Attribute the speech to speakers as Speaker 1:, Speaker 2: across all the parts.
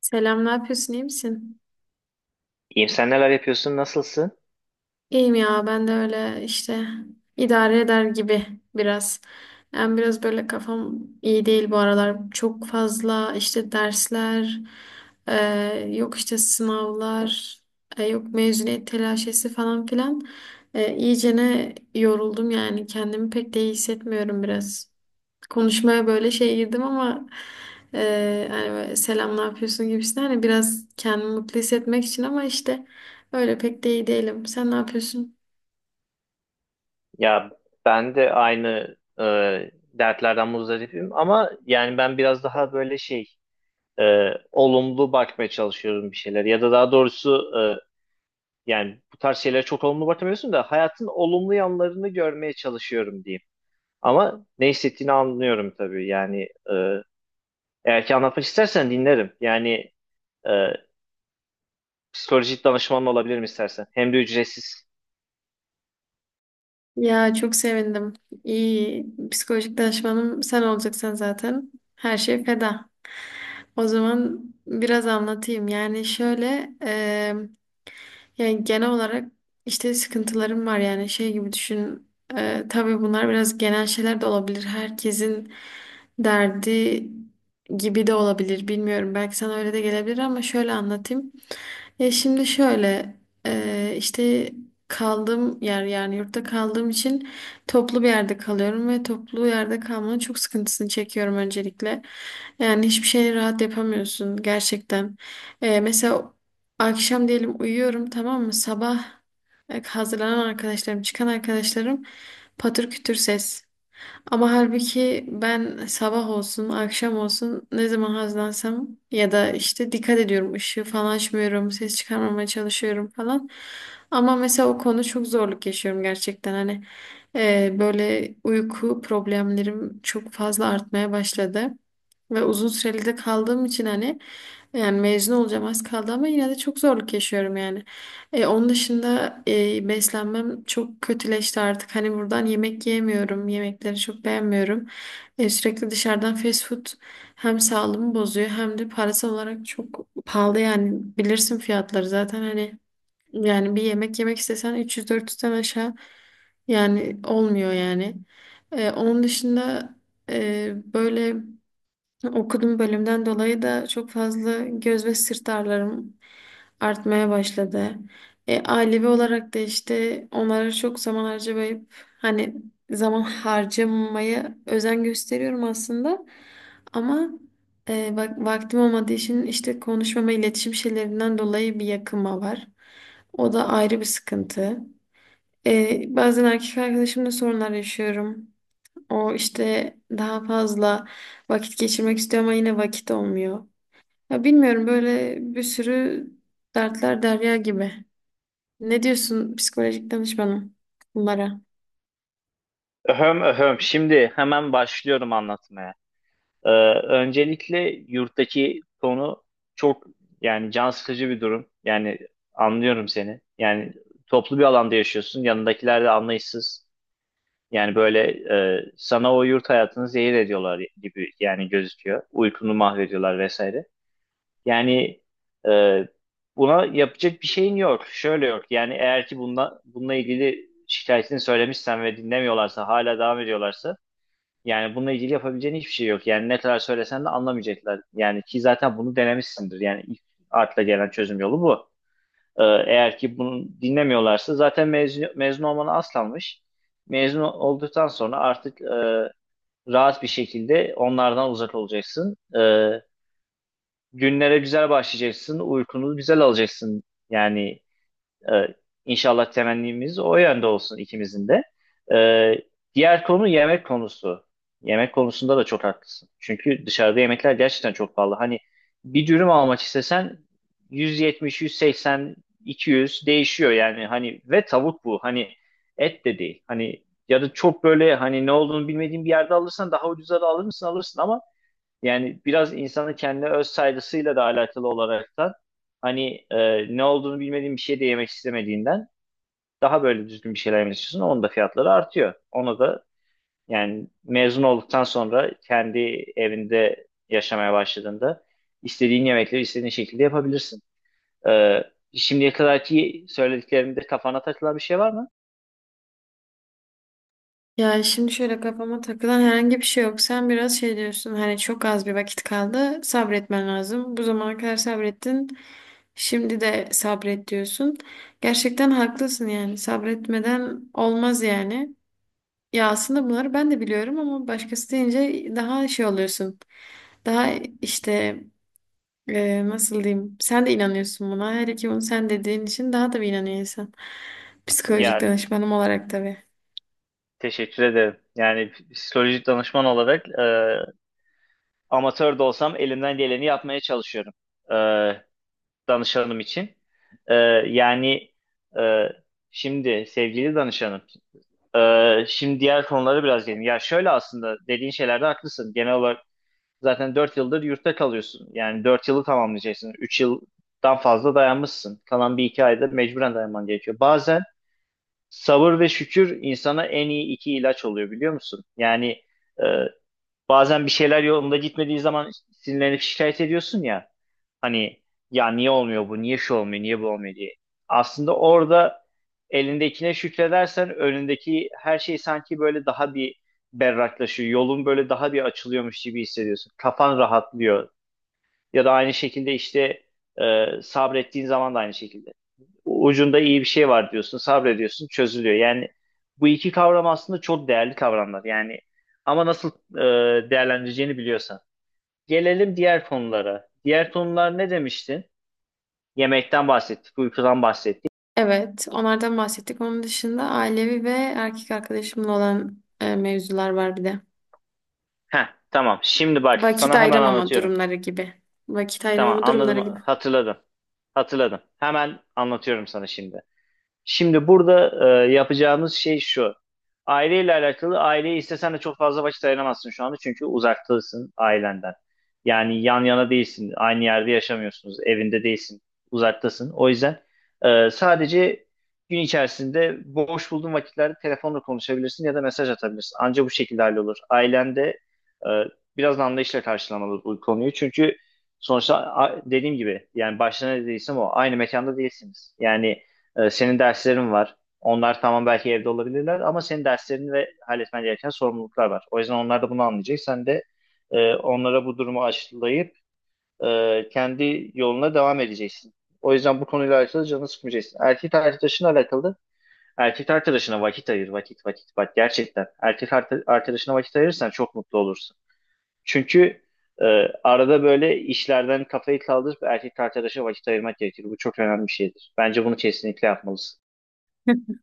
Speaker 1: Selam, ne yapıyorsun, İyi misin?
Speaker 2: İyiyim, sen neler yapıyorsun, nasılsın?
Speaker 1: İyiyim ya, ben de öyle işte idare eder gibi biraz. Yani biraz böyle kafam iyi değil bu aralar. Çok fazla işte dersler, e, yok işte sınavlar, yok mezuniyet telaşesi falan filan. İyicene yoruldum yani kendimi pek de iyi hissetmiyorum biraz. Konuşmaya böyle şey girdim ama hani böyle selam ne yapıyorsun gibisinden hani biraz kendimi mutlu hissetmek için ama işte öyle pek de iyi değilim. Sen ne yapıyorsun?
Speaker 2: Ya ben de aynı dertlerden muzdaripim ama yani ben biraz daha böyle şey olumlu bakmaya çalışıyorum bir şeyler. Ya da daha doğrusu yani bu tarz şeylere çok olumlu bakamıyorsun da hayatın olumlu yanlarını görmeye çalışıyorum diyeyim. Ama ne hissettiğini anlıyorum tabii yani eğer ki anlatmak istersen dinlerim. Yani e, psikolojik danışman olabilirim istersen. Hem de ücretsiz.
Speaker 1: Ya çok sevindim. İyi psikolojik danışmanım sen olacaksın zaten. Her şey feda. O zaman biraz anlatayım. Yani şöyle yani genel olarak işte sıkıntılarım var yani şey gibi düşün. Tabii bunlar biraz genel şeyler de olabilir. Herkesin derdi gibi de olabilir. Bilmiyorum. Belki sana öyle de gelebilir ama şöyle anlatayım. Ya şimdi şöyle işte kaldığım yer yani yurtta kaldığım için toplu bir yerde kalıyorum ve toplu yerde kalmanın çok sıkıntısını çekiyorum öncelikle. Yani hiçbir şeyi rahat yapamıyorsun gerçekten. Mesela akşam diyelim uyuyorum, tamam mı? Sabah hazırlanan arkadaşlarım, çıkan arkadaşlarım, patır kütür ses. Ama halbuki ben sabah olsun, akşam olsun ne zaman hazlansam ya da işte dikkat ediyorum, ışığı falan açmıyorum, ses çıkarmamaya çalışıyorum falan. Ama mesela o konu çok zorluk yaşıyorum gerçekten. Hani böyle uyku problemlerim çok fazla artmaya başladı. Ve uzun süreli de kaldığım için hani yani mezun olacağım az kaldı ama yine de çok zorluk yaşıyorum yani. Onun dışında beslenmem çok kötüleşti artık. Hani buradan yemek yiyemiyorum. Yemekleri çok beğenmiyorum. Sürekli dışarıdan fast food hem sağlığımı bozuyor hem de parasal olarak çok pahalı yani. Bilirsin fiyatları zaten, hani yani bir yemek yemek istesen 300-400'den aşağı yani olmuyor yani. Onun dışında böyle okuduğum bölümden dolayı da çok fazla göz ve sırt ağrılarım artmaya başladı. Ailevi olarak da işte onlara çok zaman harcamayıp hani zaman harcamamaya özen gösteriyorum aslında. Ama bak, vaktim olmadığı için işte konuşmama iletişim şeylerinden dolayı bir yakınma var. O da ayrı bir sıkıntı. Bazen erkek arkadaşımla sorunlar yaşıyorum. O işte daha fazla vakit geçirmek istiyor ama yine vakit olmuyor. Ya bilmiyorum, böyle bir sürü dertler derya gibi. Ne diyorsun psikolojik danışmanım bunlara?
Speaker 2: Öhöm öhöm, şimdi hemen başlıyorum anlatmaya. Ee, Öncelikle yurttaki tonu çok, yani can sıkıcı bir durum. Yani anlıyorum seni. Yani toplu bir alanda yaşıyorsun. Yanındakiler de anlayışsız. Yani böyle sana o yurt hayatını zehir ediyorlar gibi yani gözüküyor. Uykunu mahvediyorlar vesaire. Yani e, buna yapacak bir şeyin yok. Şöyle yok. Yani eğer ki bununla ilgili şikayetini söylemişsen ve dinlemiyorlarsa hala devam ediyorlarsa yani bununla ilgili yapabileceğin hiçbir şey yok. Yani ne kadar söylesen de anlamayacaklar. Yani ki zaten bunu denemişsindir. Yani ilk akla gelen çözüm yolu bu. Eğer ki bunu dinlemiyorlarsa zaten mezun olmanı aslanmış. Mezun olduktan sonra artık rahat bir şekilde onlardan uzak olacaksın. Günlere güzel başlayacaksın. Uykunu güzel alacaksın. Yani ee, İnşallah temennimiz o yönde olsun ikimizin de. Ee, Diğer konu yemek konusu. Yemek konusunda da çok haklısın. Çünkü dışarıda yemekler gerçekten çok pahalı. Hani bir dürüm almak istesen 170, 180, 200 değişiyor yani. Hani ve tavuk bu. Hani et de değil. Hani ya da çok böyle hani ne olduğunu bilmediğin bir yerde alırsan daha ucuza da alır mısın alırsın ama yani biraz insanın kendi öz saygısıyla da alakalı olaraktan hani ne olduğunu bilmediğin bir şey de yemek istemediğinden daha böyle düzgün bir şeyler yemek istiyorsun. Onun da fiyatları artıyor. Ona da yani mezun olduktan sonra kendi evinde yaşamaya başladığında istediğin yemekleri istediğin şekilde yapabilirsin. Ee, Şimdiye kadarki söylediklerimde kafana takılan bir şey var mı?
Speaker 1: Ya şimdi şöyle, kafama takılan herhangi bir şey yok. Sen biraz şey diyorsun, hani çok az bir vakit kaldı, sabretmen lazım. Bu zamana kadar sabrettin, şimdi de sabret diyorsun. Gerçekten haklısın yani sabretmeden olmaz yani. Ya aslında bunları ben de biliyorum ama başkası deyince daha şey oluyorsun. Daha işte nasıl diyeyim? Sen de inanıyorsun buna. Her ki bunu sen dediğin için daha da bir inanıyor insan. Psikolojik
Speaker 2: Ya
Speaker 1: danışmanım olarak tabii.
Speaker 2: teşekkür ederim. Yani psikolojik danışman olarak amatör de olsam elimden geleni yapmaya çalışıyorum e, danışanım için. E, yani e, Şimdi sevgili danışanım. Şimdi diğer konulara biraz gelin. Ya şöyle aslında dediğin şeylerde haklısın. Genel olarak zaten 4 yıldır yurtta kalıyorsun. Yani 4 yılı tamamlayacaksın. Üç yıldan fazla dayanmışsın. Kalan bir iki ayda mecburen dayanman gerekiyor. Bazen sabır ve şükür insana en iyi iki ilaç oluyor biliyor musun? Yani e, bazen bir şeyler yolunda gitmediği zaman sinirlenip şikayet ediyorsun ya. Hani ya niye olmuyor bu, niye şu olmuyor, niye bu olmuyor diye. Aslında orada elindekine şükredersen önündeki her şey sanki böyle daha bir berraklaşıyor. Yolun böyle daha bir açılıyormuş gibi hissediyorsun. Kafan rahatlıyor. Ya da aynı şekilde işte sabrettiğin zaman da aynı şekilde ucunda iyi bir şey var diyorsun, sabrediyorsun, çözülüyor. Yani bu iki kavram aslında çok değerli kavramlar. Yani ama nasıl değerlendireceğini biliyorsan. Gelelim diğer konulara. Diğer konular ne demiştin? Yemekten bahsettik, uykudan bahsettik.
Speaker 1: Evet, onlardan bahsettik. Onun dışında ailevi ve erkek arkadaşımla olan mevzular var bir de.
Speaker 2: Heh, tamam. Şimdi bak
Speaker 1: Vakit
Speaker 2: sana hemen
Speaker 1: ayıramama
Speaker 2: anlatıyorum.
Speaker 1: durumları gibi. Vakit
Speaker 2: Tamam,
Speaker 1: ayıramama
Speaker 2: anladım,
Speaker 1: durumları gibi.
Speaker 2: hatırladım. Hatırladım. Hemen anlatıyorum sana şimdi. Şimdi burada yapacağımız şey şu. Aileyle alakalı aileye istesen de çok fazla vakit ayıramazsın şu anda çünkü uzaktasın ailenden. Yani yan yana değilsin, aynı yerde yaşamıyorsunuz, evinde değilsin, uzaktasın. O yüzden sadece gün içerisinde boş bulduğun vakitlerde telefonla konuşabilirsin ya da mesaj atabilirsin. Anca bu şekilde hallolur. Ailen de e, biraz da anlayışla karşılamalı bu konuyu çünkü sonuçta dediğim gibi yani başta ne dediysem o aynı mekanda değilsiniz. Yani senin derslerin var. Onlar tamam belki evde olabilirler ama senin derslerin ve halletmen gereken sorumluluklar var. O yüzden onlar da bunu anlayacak. Sen de onlara bu durumu aşılayıp kendi yoluna devam edeceksin. O yüzden bu konuyla alakalı canını sıkmayacaksın. Erkek arkadaşınla alakalı da erkek arkadaşına vakit ayır, vakit, vakit, bak gerçekten. Erkek arkadaşına vakit ayırırsan çok mutlu olursun. Çünkü e, arada böyle işlerden kafayı kaldırıp erkek arkadaşa vakit ayırmak gerekir. Bu çok önemli bir şeydir. Bence bunu kesinlikle yapmalısın.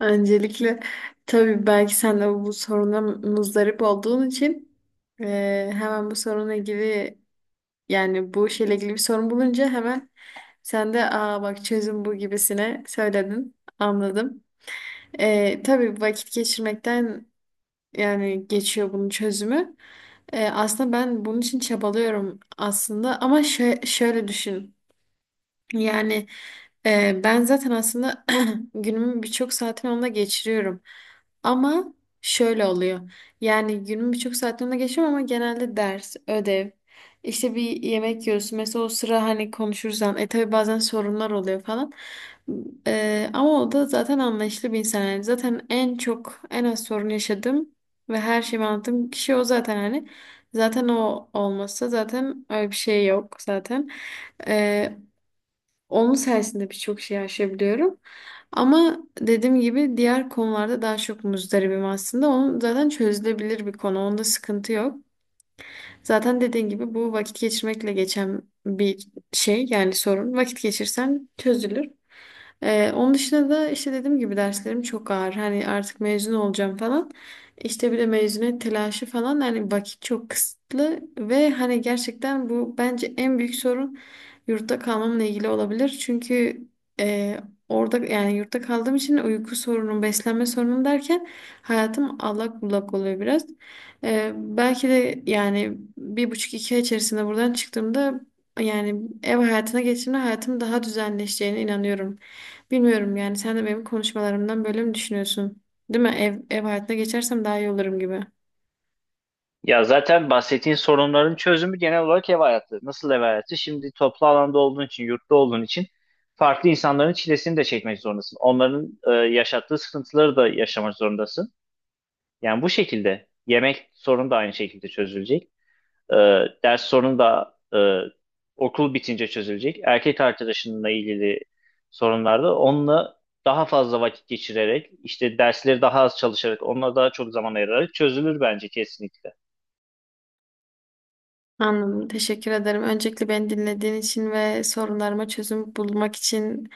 Speaker 1: Öncelikle tabii belki sen de bu soruna muzdarip olduğun için hemen bu sorunla ilgili yani bu şeyle ilgili bir sorun bulunca hemen sen de aa bak çözüm bu gibisine söyledin. Anladım. Tabii vakit geçirmekten yani geçiyor bunun çözümü. Aslında ben bunun için çabalıyorum aslında ama şöyle düşün. Yani ben zaten aslında günümün birçok saatini onda geçiriyorum. Ama şöyle oluyor. Yani günümün birçok saatini onda geçiriyorum ama genelde ders, ödev, işte bir yemek yiyoruz. Mesela o sıra hani konuşuruz. E tabii bazen sorunlar oluyor falan. Ama o da zaten anlayışlı bir insan. Yani zaten en çok, en az sorun yaşadım ve her şeyi anlattığım kişi o zaten, hani. Zaten o olmasa zaten öyle bir şey yok zaten. Onun sayesinde birçok şey aşabiliyorum. Ama dediğim gibi diğer konularda daha çok muzdaribim aslında. Onun zaten çözülebilir bir konu. Onda sıkıntı yok. Zaten dediğin gibi bu vakit geçirmekle geçen bir şey yani, sorun. Vakit geçirsen çözülür. Onun dışında da işte dediğim gibi derslerim çok ağır. Hani artık mezun olacağım falan. İşte bir de mezuniyet telaşı falan. Yani vakit çok kısıtlı ve hani gerçekten bu bence en büyük sorun yurtta kalmamla ilgili olabilir. Çünkü e, orada yani yurtta kaldığım için uyku sorunum, beslenme sorunum derken hayatım allak bullak oluyor biraz. Belki de yani bir buçuk iki ay içerisinde buradan çıktığımda yani ev hayatına geçtiğimde hayatım daha düzenleşeceğine inanıyorum. Bilmiyorum yani sen de benim konuşmalarımdan böyle mi düşünüyorsun? Değil mi? Ev hayatına geçersem daha iyi olurum gibi.
Speaker 2: Ya zaten bahsettiğin sorunların çözümü genel olarak ev hayatı. Nasıl ev hayatı? Şimdi toplu alanda olduğun için, yurtta olduğun için farklı insanların çilesini de çekmek zorundasın. Onların yaşattığı sıkıntıları da yaşamak zorundasın. Yani bu şekilde yemek sorunu da aynı şekilde çözülecek. E, Ders sorunu da okul bitince çözülecek. Erkek arkadaşınla ilgili sorunlar da onunla daha fazla vakit geçirerek, işte dersleri daha az çalışarak, onunla daha çok zaman ayırarak çözülür bence kesinlikle.
Speaker 1: Anladım. Teşekkür ederim. Öncelikle beni dinlediğin için ve sorunlarıma çözüm bulmak için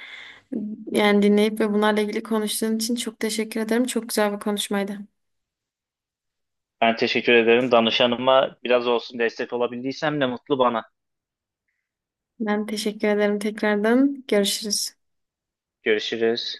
Speaker 1: yani dinleyip ve bunlarla ilgili konuştuğun için çok teşekkür ederim. Çok güzel bir konuşmaydı.
Speaker 2: Ben teşekkür ederim. Danışanıma biraz olsun destek olabildiysem ne mutlu bana.
Speaker 1: Ben teşekkür ederim tekrardan. Görüşürüz.
Speaker 2: Görüşürüz.